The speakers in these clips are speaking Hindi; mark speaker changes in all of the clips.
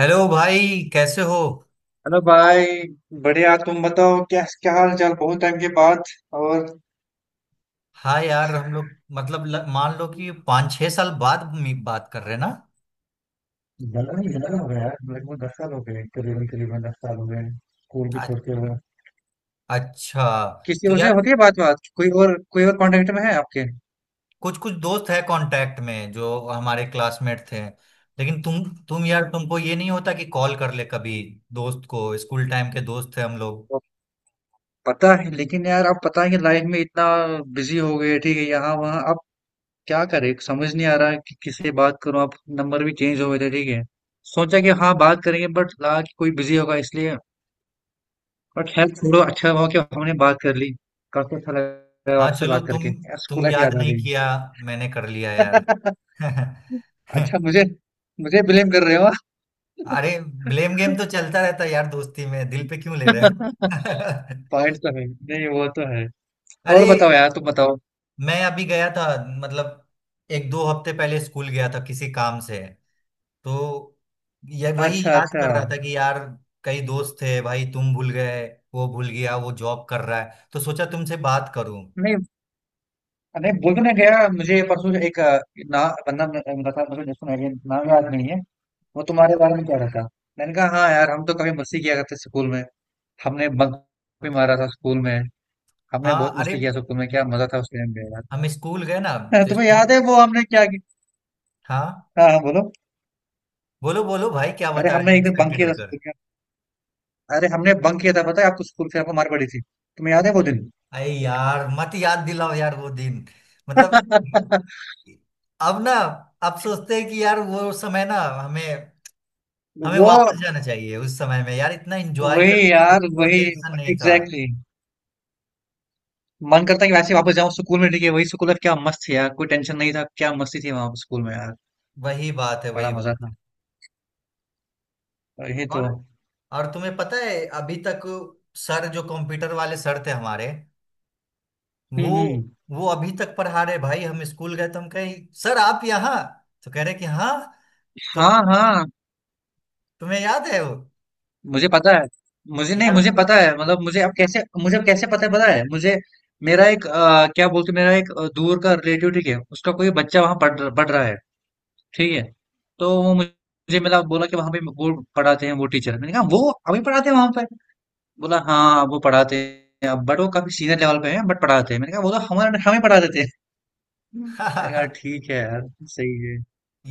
Speaker 1: हेलो भाई। कैसे हो?
Speaker 2: हेलो भाई। बढ़िया, तुम बताओ क्या क्या हाल चाल, बहुत टाइम के बाद। और
Speaker 1: हाँ यार, हम लोग मतलब मान लो कि 5-6 साल बाद बात कर रहे हैं ना।
Speaker 2: जलन ही जलन हो गया यार, लगभग 10 साल हो गए, करीबन करीबन 10 साल हो गए स्कूल भी
Speaker 1: आ-
Speaker 2: छोड़ते हुए।
Speaker 1: अच्छा।
Speaker 2: किसी
Speaker 1: तो
Speaker 2: और से
Speaker 1: यार,
Speaker 2: होती है बात, कोई और कांटेक्ट में है आपके?
Speaker 1: कुछ कुछ दोस्त है कांटेक्ट में जो हमारे क्लासमेट थे। लेकिन तुम यार, तुमको ये नहीं होता कि कॉल कर ले कभी दोस्त को? स्कूल टाइम के दोस्त थे हम लोग।
Speaker 2: वो पता है, लेकिन यार आप पता है कि लाइफ में इतना बिजी हो गए, ठीक है, यहाँ वहाँ अब क्या करें, समझ नहीं आ रहा है कि किससे बात करूं अब। नंबर भी चेंज हो गए थे, ठीक है। सोचा कि हाँ बात करेंगे, बट लगा कि कोई बिजी होगा, इसलिए। बट हेल्थ छोड़ो, अच्छा हुआ कि हमने बात कर ली। काफी अच्छा लगा
Speaker 1: हाँ
Speaker 2: आपसे
Speaker 1: चलो,
Speaker 2: बात करके यार, स्कूल
Speaker 1: तुम
Speaker 2: लाइफ
Speaker 1: याद
Speaker 2: याद आ
Speaker 1: नहीं
Speaker 2: गई।
Speaker 1: किया, मैंने कर लिया यार।
Speaker 2: अच्छा, मुझे मुझे ब्लेम कर रहे हो?
Speaker 1: अरे, ब्लेम गेम तो चलता रहता है यार, दोस्ती में दिल पे क्यों ले रहे हो?
Speaker 2: पॉइंट तो है नहीं, वो तो है।
Speaker 1: अरे,
Speaker 2: और बताओ यार, तुम बताओ।
Speaker 1: मैं अभी गया था। मतलब, 1-2 हफ्ते पहले स्कूल गया था किसी काम से। तो ये वही
Speaker 2: अच्छा
Speaker 1: अच्छा याद
Speaker 2: अच्छा।
Speaker 1: कर रहा था कि यार कई दोस्त थे भाई, तुम भूल गए, वो भूल गया, वो जॉब कर रहा है, तो सोचा तुमसे बात करूं।
Speaker 2: नहीं नहीं, बोल तो नहीं गया मुझे। परसों एक बंदा मिला मिला था मुझे, जिसको मैं नाम याद नहीं है। वो तुम्हारे बारे में कह रहा था। मैंने कहा हाँ यार, हम तो कभी मस्ती किया करते स्कूल में, हमने बंक भी मारा था स्कूल में, हमने
Speaker 1: हाँ
Speaker 2: बहुत
Speaker 1: अरे,
Speaker 2: मस्ती किया स्कूल में, क्या मजा था उस टाइम पे।
Speaker 1: हम स्कूल गए ना।
Speaker 2: हाँ,
Speaker 1: तो
Speaker 2: तुम्हें
Speaker 1: स्कूल,
Speaker 2: याद है वो हमने क्या किया?
Speaker 1: हाँ,
Speaker 2: हाँ हाँ, बोलो।
Speaker 1: बोलो बोलो भाई, क्या
Speaker 2: अरे
Speaker 1: बता रहे
Speaker 2: हमने
Speaker 1: थे
Speaker 2: एक दिन बंक
Speaker 1: एक्साइटेड
Speaker 2: किया था
Speaker 1: होकर?
Speaker 2: स्कूल में, अरे हमने बंक किया था, पता है आपको स्कूल से आपको मार पड़ी थी, तुम्हें याद है वो दिन?
Speaker 1: अरे यार, मत याद दिलाओ यार वो दिन, मतलब। अब ना, अब सोचते हैं कि यार वो समय, ना हमें, हमें
Speaker 2: वो
Speaker 1: वापस जाना चाहिए उस समय में। यार इतना एंजॉय
Speaker 2: वही
Speaker 1: करते थे,
Speaker 2: यार,
Speaker 1: कोई
Speaker 2: वही
Speaker 1: टेंशन नहीं था।
Speaker 2: Exactly, exactly. मन करता है कि वैसे ही वापस जाऊं स्कूल में, ठीक है, वही स्कूल लाइफ क्या मस्त थी यार, कोई टेंशन नहीं था, क्या मस्ती थी वहां स्कूल में यार।
Speaker 1: वही बात है,
Speaker 2: बड़ा
Speaker 1: वही
Speaker 2: मजा
Speaker 1: बात।
Speaker 2: था। और ये तो
Speaker 1: और और तुम्हें पता है, अभी तक सर जो कंप्यूटर वाले सर थे हमारे, वो
Speaker 2: हम्म।
Speaker 1: वो अभी तक पढ़ा रहे भाई। हम स्कूल गए तो हम कहे, सर आप यहाँ? तो कह रहे कि हाँ। तो
Speaker 2: हाँ हाँ,
Speaker 1: तुम्हें याद है वो?
Speaker 2: मुझे पता है। मुझे नहीं,
Speaker 1: यार।
Speaker 2: मुझे पता है, मतलब मुझे अब कैसे पता है, पता है मुझे। मेरा एक मेरा एक दूर का रिलेटिव, ठीक है, उसका कोई बच्चा वहां पढ़ रहा है, ठीक है। तो वो मुझे मुझे मिला बोला कि वहां पे वो पढ़ाते हैं वो टीचर। मैंने कहा वो अभी पढ़ाते हैं वहां पे? बोला हाँ, वो पढ़ाते हैं अब, बट वो काफी सीनियर लेवल पे हैं, बट पढ़ाते हैं। मैंने कहा वो तो हमारे हमें पढ़ा देते हैं। मैंने कहा ठीक है यार, सही है।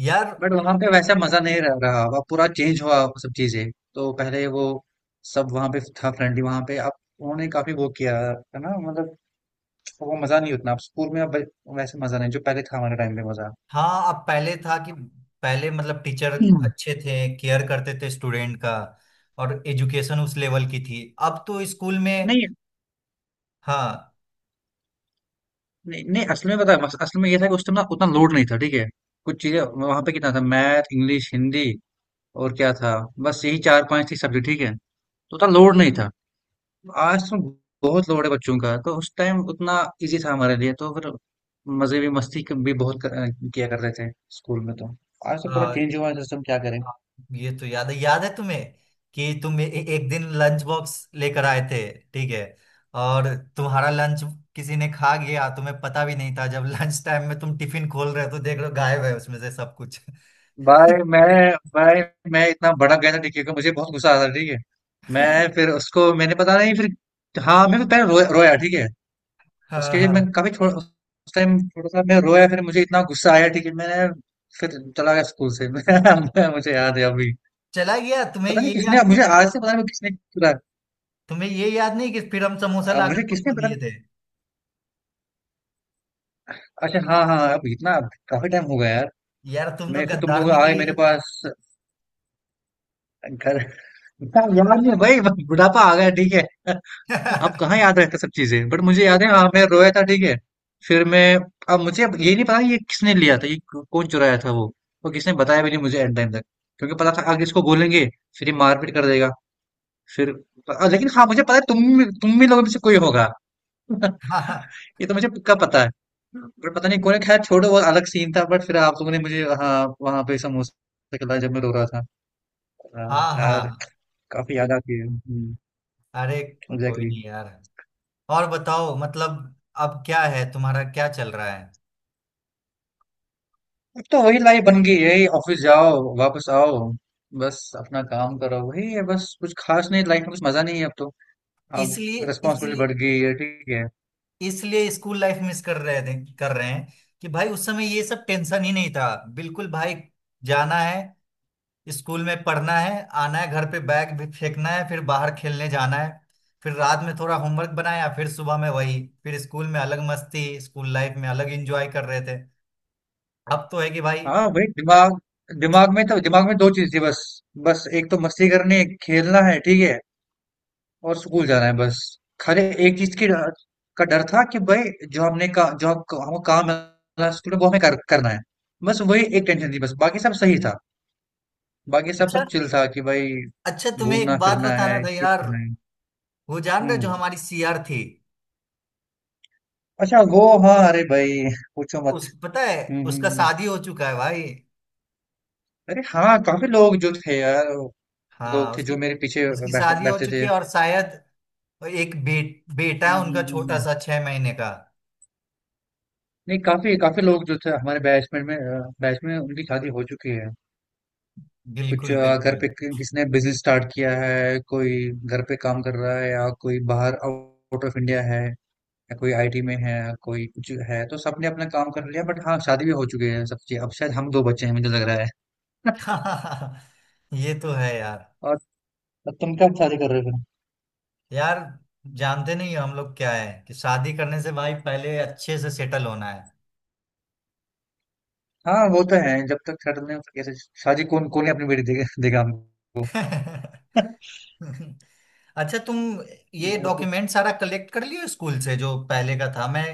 Speaker 1: यार
Speaker 2: बट वहां पे वैसा मजा नहीं रह रहा अब, पूरा चेंज हुआ वो सब चीजें। तो पहले वो सब वहां पे था फ्रेंडली, वहां पे अब उन्होंने काफी वो किया है ना, मतलब वो मजा नहीं उतना अब स्कूल में, अब वैसे मजा नहीं जो पहले था हमारे टाइम पे मजा।
Speaker 1: हाँ, अब पहले था कि पहले मतलब टीचर
Speaker 2: हम्म।
Speaker 1: अच्छे थे, केयर करते थे स्टूडेंट का, और एजुकेशन उस लेवल की थी, अब तो स्कूल में।
Speaker 2: नहीं
Speaker 1: हाँ
Speaker 2: नहीं नहीं, असल में पता है, बस असल में ये था कि उस टाइम ना उतना लोड नहीं था, ठीक है। कुछ चीजें वहां पे कितना था, मैथ, इंग्लिश, हिंदी, और क्या था, बस यही चार पांच थी सब्जेक्ट, ठीक है। तो उतना लोड नहीं था, आज तो बहुत लोड है बच्चों का, तो उस टाइम उतना इजी था हमारे लिए, तो फिर मजे भी, भी बहुत किया करते थे स्कूल में, तो आज तो पूरा
Speaker 1: हाँ,
Speaker 2: चेंज हुआ है सिस्टम, क्या करें।
Speaker 1: ये तो याद है, याद है तुम्हें, कि तुम ए, ए- एक दिन लंच बॉक्स लेकर आए थे, ठीक है, और तुम्हारा लंच किसी ने खा गया, तुम्हें पता भी नहीं था जब लंच टाइम में तुम टिफिन खोल रहे हो, तो देख रहे हो गायब है उसमें से सब कुछ।
Speaker 2: भाई मैं भाई मैं इतना भड़क गया था टीके को, मुझे बहुत गुस्सा आ रहा था, ठीक है। मैं फिर उसको मैंने पता नहीं, फिर हाँ मैं फिर पहले रोया रोया, ठीक है।
Speaker 1: हाँ
Speaker 2: उसके लिए
Speaker 1: हाँ,
Speaker 2: मैं काफी, थोड़ा उस टाइम थोड़ा सा मैं रोया, फिर मुझे इतना गुस्सा आया, ठीक है, मैंने फिर चला गया स्कूल से। मुझे याद है अभी।
Speaker 1: चला गया। तुम्हें
Speaker 2: पता नहीं
Speaker 1: ये याद
Speaker 2: किसने
Speaker 1: नहीं
Speaker 2: मुझे,
Speaker 1: कि
Speaker 2: आज से पता नहीं किसने,
Speaker 1: तुम्हें ये याद नहीं कि फिर हम समोसा लाकर
Speaker 2: मुझे किसने
Speaker 1: तुमको
Speaker 2: पता
Speaker 1: दिए
Speaker 2: नहीं।
Speaker 1: थे?
Speaker 2: अच्छा हाँ हाँ, अब इतना काफी टाइम हो गया यार।
Speaker 1: यार तुम तो
Speaker 2: मैं फिर तुम
Speaker 1: गद्दार
Speaker 2: लोग आ गए
Speaker 1: निकली
Speaker 2: मेरे
Speaker 1: यार।
Speaker 2: पास घर, इतना याद नहीं भाई, बुढ़ापा आ गया, ठीक है। अब कहाँ याद रहता सब चीजें, बट मुझे याद है हाँ मैं रोया था, ठीक है। फिर मैं, अब मुझे अब ये नहीं पता ये किसने लिया था, ये कौन चुराया था वो, और किसने बताया भी नहीं मुझे एंड टाइम तक, क्योंकि पता था आगे इसको बोलेंगे फिर ये मारपीट कर देगा फिर। लेकिन हाँ मुझे पता है, तुम भी लोगों में से कोई होगा।
Speaker 1: हाँ
Speaker 2: ये तो मुझे पक्का पता है, पर पता नहीं कौन, खैर छोड़ो, वो अलग सीन था, बट फिर आप लोगों ने मुझे हाँ वहां पे समोसे खिलाए जब मैं रो रहा था। हाँ,
Speaker 1: हाँ
Speaker 2: यार,
Speaker 1: हाँ।
Speaker 2: काफी याद आती है,
Speaker 1: अरे कोई
Speaker 2: एग्जैक्टली।
Speaker 1: नहीं यार। और बताओ मतलब, अब क्या है, तुम्हारा क्या चल रहा है?
Speaker 2: अब तो वही लाइफ बन गई है, ऑफिस जाओ वापस आओ, बस अपना काम करो, वही है बस, कुछ खास नहीं, लाइफ में कुछ मजा नहीं है अब तो, अब
Speaker 1: इसलिए,
Speaker 2: रिस्पॉन्सिबिलिटी
Speaker 1: इसलिए,
Speaker 2: बढ़ गई है, ठीक है।
Speaker 1: इसलिए स्कूल लाइफ मिस कर रहे थे, कर रहे हैं, कि भाई उस समय ये सब टेंशन ही नहीं था। बिल्कुल भाई, जाना है, स्कूल में पढ़ना है, आना है, घर पे बैग भी फेंकना है, फिर बाहर खेलने जाना है, फिर रात में थोड़ा होमवर्क बनाया, फिर सुबह में वही, फिर स्कूल में अलग मस्ती, स्कूल लाइफ में अलग एंजॉय कर रहे थे। अब तो है कि भाई,
Speaker 2: हाँ वही, दिमाग दिमाग में तो, दिमाग में दो चीज थी बस, बस एक तो मस्ती करनी है खेलना है, ठीक है, और स्कूल जाना है बस। खाली एक चीज़ की डर का डर था कि भई जो हमने का जो हम काम मिला स्कूल में वो हमें करना है। बस वही एक टेंशन थी बस, बाकी सब सही था। बाकी सब
Speaker 1: अच्छा।
Speaker 2: सब चिल था कि भई
Speaker 1: अच्छा, तुम्हें एक बात
Speaker 2: घूमना-फिरना
Speaker 1: बताना
Speaker 2: है,
Speaker 1: था
Speaker 2: चिल
Speaker 1: यार।
Speaker 2: करना है।
Speaker 1: वो जान रहे हो जो
Speaker 2: हुँ।
Speaker 1: हमारी सीआर थी?
Speaker 2: अच्छा वो हाँ, अरे भई पूछो मत।
Speaker 1: उस, पता है
Speaker 2: हुँ, हुँ,
Speaker 1: उसका
Speaker 2: हुँ।
Speaker 1: शादी हो चुका है भाई।
Speaker 2: अरे हाँ, काफ़ी लोग जो थे यार,
Speaker 1: हाँ
Speaker 2: लोग थे
Speaker 1: उसकी,
Speaker 2: जो मेरे पीछे
Speaker 1: उसकी
Speaker 2: बैठते
Speaker 1: शादी हो
Speaker 2: बैठते
Speaker 1: चुकी
Speaker 2: थे।
Speaker 1: है, और शायद एक बेटा
Speaker 2: हुँ,
Speaker 1: है
Speaker 2: हुँ,
Speaker 1: उनका,
Speaker 2: हुँ,
Speaker 1: छोटा
Speaker 2: हुँ।
Speaker 1: सा, 6 महीने का।
Speaker 2: नहीं काफ़ी काफ़ी लोग जो थे हमारे बैच में बैच में उनकी शादी हो चुकी है। कुछ
Speaker 1: बिल्कुल
Speaker 2: घर
Speaker 1: बिल्कुल।
Speaker 2: पे किसने बिजनेस स्टार्ट किया है, कोई घर पे काम कर रहा है, या कोई बाहर आउट ऑफ इंडिया है, या कोई आईटी में है, या कोई कुछ है, तो सबने अपना काम कर लिया, बट हाँ शादी भी हो चुकी है सबकी, अब शायद हम दो बच्चे हैं मुझे लग रहा है।
Speaker 1: ये तो है यार।
Speaker 2: और तुम कब शादी कर रहे हो?
Speaker 1: यार, जानते नहीं हो हम लोग क्या है, कि शादी करने से भाई पहले अच्छे से सेटल होना है।
Speaker 2: हाँ वो तो है, जब तक सेटल नहीं होता कैसे शादी, कौन कौन ही अपनी बेटी देगा देगा हमको।
Speaker 1: अच्छा तुम ये
Speaker 2: और तो
Speaker 1: डॉक्यूमेंट सारा कलेक्ट कर लियो स्कूल से जो पहले का था, मैं,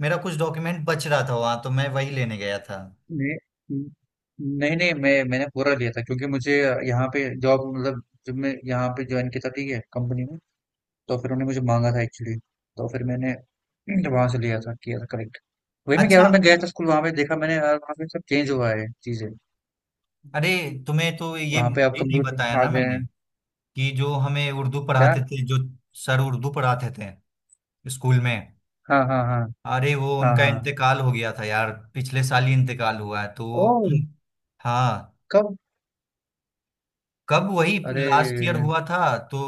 Speaker 1: मेरा कुछ डॉक्यूमेंट बच रहा था वहां, तो मैं वही लेने गया था।
Speaker 2: नहीं नहीं नहीं, मैं, मैंने पूरा लिया था, क्योंकि मुझे यहाँ पे जॉब, मतलब जब मैं यहाँ पे ज्वाइन किया था, ठीक है, कंपनी में, तो फिर उन्होंने मुझे मांगा था एक्चुअली, तो फिर मैंने वहाँ से लिया था, किया था करेक्ट। वही मैं कह रहा
Speaker 1: अच्छा,
Speaker 2: हूँ, मैं गया था स्कूल वहाँ पे, देखा मैंने यार वहाँ पे सब चेंज हुआ है चीजें,
Speaker 1: अरे, तुम्हें तो ये
Speaker 2: वहाँ पे अब
Speaker 1: नहीं बताया
Speaker 2: कंप्यूटर आ
Speaker 1: ना
Speaker 2: गए
Speaker 1: मैंने,
Speaker 2: हैं।
Speaker 1: कि जो हमें उर्दू
Speaker 2: क्या?
Speaker 1: पढ़ाते थे, जो सर उर्दू पढ़ाते थे स्कूल में,
Speaker 2: हाँ हाँ हाँ।
Speaker 1: अरे वो
Speaker 2: हाँ
Speaker 1: उनका
Speaker 2: हाँ।
Speaker 1: इंतकाल हो गया था यार, पिछले साल ही इंतकाल हुआ है तो।
Speaker 2: ओ,
Speaker 1: हम- हाँ।
Speaker 2: कब?
Speaker 1: कब? वही लास्ट ईयर
Speaker 2: अरे
Speaker 1: हुआ था। तो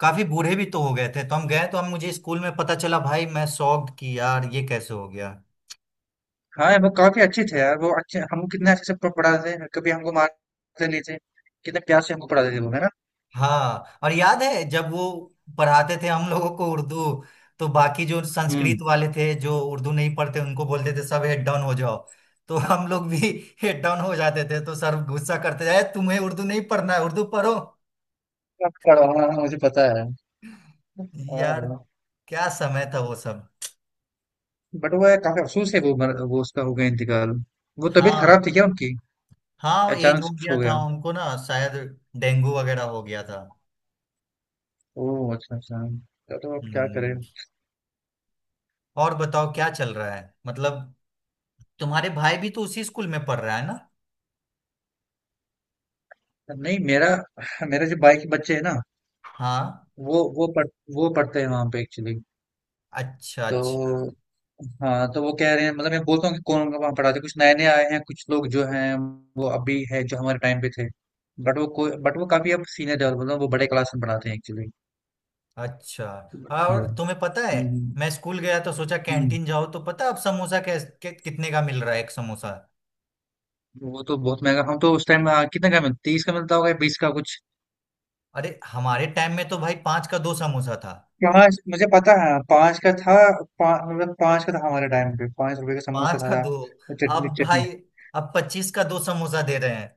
Speaker 1: काफी बूढ़े भी तो हो गए थे, तो हम गए तो हम, मुझे स्कूल में पता चला भाई, मैं शॉक्ड कि यार ये कैसे हो गया।
Speaker 2: हाँ वो काफी अच्छे थे यार, वो अच्छे, हमको कितने अच्छे से पढ़ाते थे, कभी हमको मारते नहीं थे, कितने प्यार से हमको पढ़ाते थे वो, है ना?
Speaker 1: हाँ, और याद है जब वो पढ़ाते थे हम लोगों को उर्दू, तो बाकी जो संस्कृत
Speaker 2: हम्म।
Speaker 1: वाले थे जो उर्दू नहीं पढ़ते, उनको बोलते थे सब हेड डाउन हो जाओ, तो हम लोग भी हेड डाउन हो जाते थे, तो सर गुस्सा करते जाए, तुम्हें उर्दू नहीं पढ़ना है, उर्दू पढ़ो।
Speaker 2: अब पढ़ा, हाँ हाँ, मुझे पता है।
Speaker 1: यार
Speaker 2: हाँ,
Speaker 1: क्या समय था वो सब।
Speaker 2: बट वो है, काफी अफसोस है वो, वो उसका हो गया इंतकाल। वो तबीयत खराब
Speaker 1: हाँ
Speaker 2: थी क्या उनकी,
Speaker 1: हाँ, एज
Speaker 2: अचानक
Speaker 1: हो
Speaker 2: शिफ्ट
Speaker 1: गया
Speaker 2: हो
Speaker 1: था
Speaker 2: गया?
Speaker 1: उनको ना शायद, डेंगू वगैरह हो गया था।
Speaker 2: ओह अच्छा अच्छा, तो अब क्या करें।
Speaker 1: हम्म, और बताओ क्या चल रहा है, मतलब तुम्हारे भाई भी तो उसी स्कूल में पढ़ रहा है ना?
Speaker 2: नहीं मेरा, मेरे जो बाइक बच्चे हैं ना,
Speaker 1: हाँ,
Speaker 2: वो पढ़ वो पढ़ते हैं वहाँ पे एक्चुअली।
Speaker 1: अच्छा
Speaker 2: तो
Speaker 1: अच्छा।
Speaker 2: हाँ, तो वो कह रहे हैं, मतलब मैं बोलता हूँ कि कौन वहाँ पढ़ाते, कुछ नए नए आए हैं, कुछ लोग जो हैं वो अभी है जो हमारे टाइम पे थे, बट वो कोई, बट वो काफी अब सीनियर लेवल, मतलब वो बड़े क्लास में पढ़ाते हैं एक्चुअली।
Speaker 1: अच्छा हाँ,
Speaker 2: हम्म
Speaker 1: और तुम्हें पता है,
Speaker 2: हम्म,
Speaker 1: मैं स्कूल गया तो सोचा
Speaker 2: हम्म।
Speaker 1: कैंटीन जाओ, तो पता अब समोसा कितने का मिल रहा है एक समोसा?
Speaker 2: वो तो बहुत महंगा, हम तो उस टाइम, कितने का मिलता, 30 का मिलता होगा या 20 का कुछ?
Speaker 1: अरे हमारे टाइम में तो भाई 5 का 2 समोसा था।
Speaker 2: पाँच, मुझे पता है 5 का था, मतलब 5 का था हमारे टाइम पे, 5 रुपए का समोसा
Speaker 1: पांच
Speaker 2: था,
Speaker 1: का
Speaker 2: था।
Speaker 1: दो
Speaker 2: और
Speaker 1: अब
Speaker 2: चटनी चटनी
Speaker 1: भाई, अब 25 का 2 समोसा दे रहे हैं।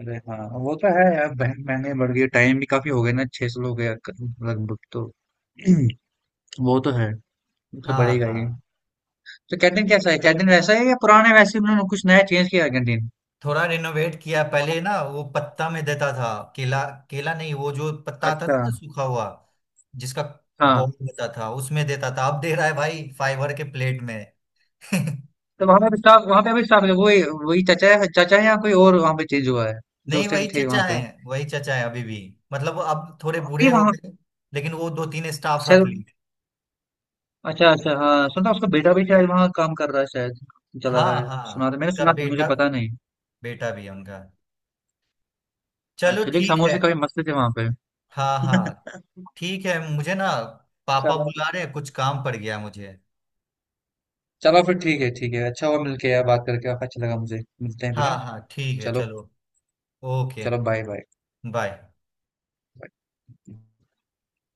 Speaker 2: अरे हाँ वो तो है यार, महंगाई बढ़ गई है, टाइम भी काफी हो गया ना, 600 हो गया क- लगभग तो। वो तो है, वो तो
Speaker 1: हाँ
Speaker 2: बढ़ेगा
Speaker 1: हाँ,
Speaker 2: ही। तो कैंटीन कैसा है, कैंटीन वैसा है या पुराने वैसे ही, उन्होंने कुछ नया चेंज किया है कैंटीन?
Speaker 1: थोड़ा रिनोवेट किया। पहले ना वो पत्ता में देता था, केला, केला नहीं, वो जो पत्ता आता था
Speaker 2: अच्छा
Speaker 1: ना सूखा हुआ, जिसका बॉल
Speaker 2: हाँ,
Speaker 1: होता था, उसमें देता था। अब दे रहा है भाई फाइबर के प्लेट में।
Speaker 2: तो वहां पे भी स्टाफ है, वही वही चाचा है, या कोई और वहां पे चेंज हुआ है, जो
Speaker 1: नहीं
Speaker 2: उस टाइम
Speaker 1: वही
Speaker 2: थे वहां
Speaker 1: चचा
Speaker 2: पे?
Speaker 1: है, वही चचा है अभी भी। मतलब वो अब थोड़े
Speaker 2: हम भी
Speaker 1: बूढ़े हो गए, लेकिन वो 2-3 स्टाफ रख
Speaker 2: वहां।
Speaker 1: लिए।
Speaker 2: अच्छा अच्छा, हाँ सुना उसका बेटा भी शायद वहाँ काम कर रहा है शायद, चला
Speaker 1: हाँ
Speaker 2: रहा है।
Speaker 1: हाँ उनका
Speaker 2: सुना था, मुझे
Speaker 1: बेटा,
Speaker 2: पता नहीं।
Speaker 1: बेटा भी है उनका। चलो
Speaker 2: अच्छा लेकिन
Speaker 1: ठीक है।
Speaker 2: समोसे काफी मस्त थे वहाँ पे।
Speaker 1: हाँ हाँ ठीक है। मुझे ना पापा
Speaker 2: चलो,
Speaker 1: बुला रहे हैं, कुछ काम पड़ गया मुझे।
Speaker 2: चलो फिर ठीक है, ठीक है, अच्छा हुआ मिलके यार, बात करके अच्छा लगा मुझे, मिलते हैं फिर,
Speaker 1: हाँ
Speaker 2: हाँ?
Speaker 1: हाँ ठीक है
Speaker 2: चलो।
Speaker 1: चलो। ओके।
Speaker 2: चलो बाय।
Speaker 1: बाय।
Speaker 2: बाय।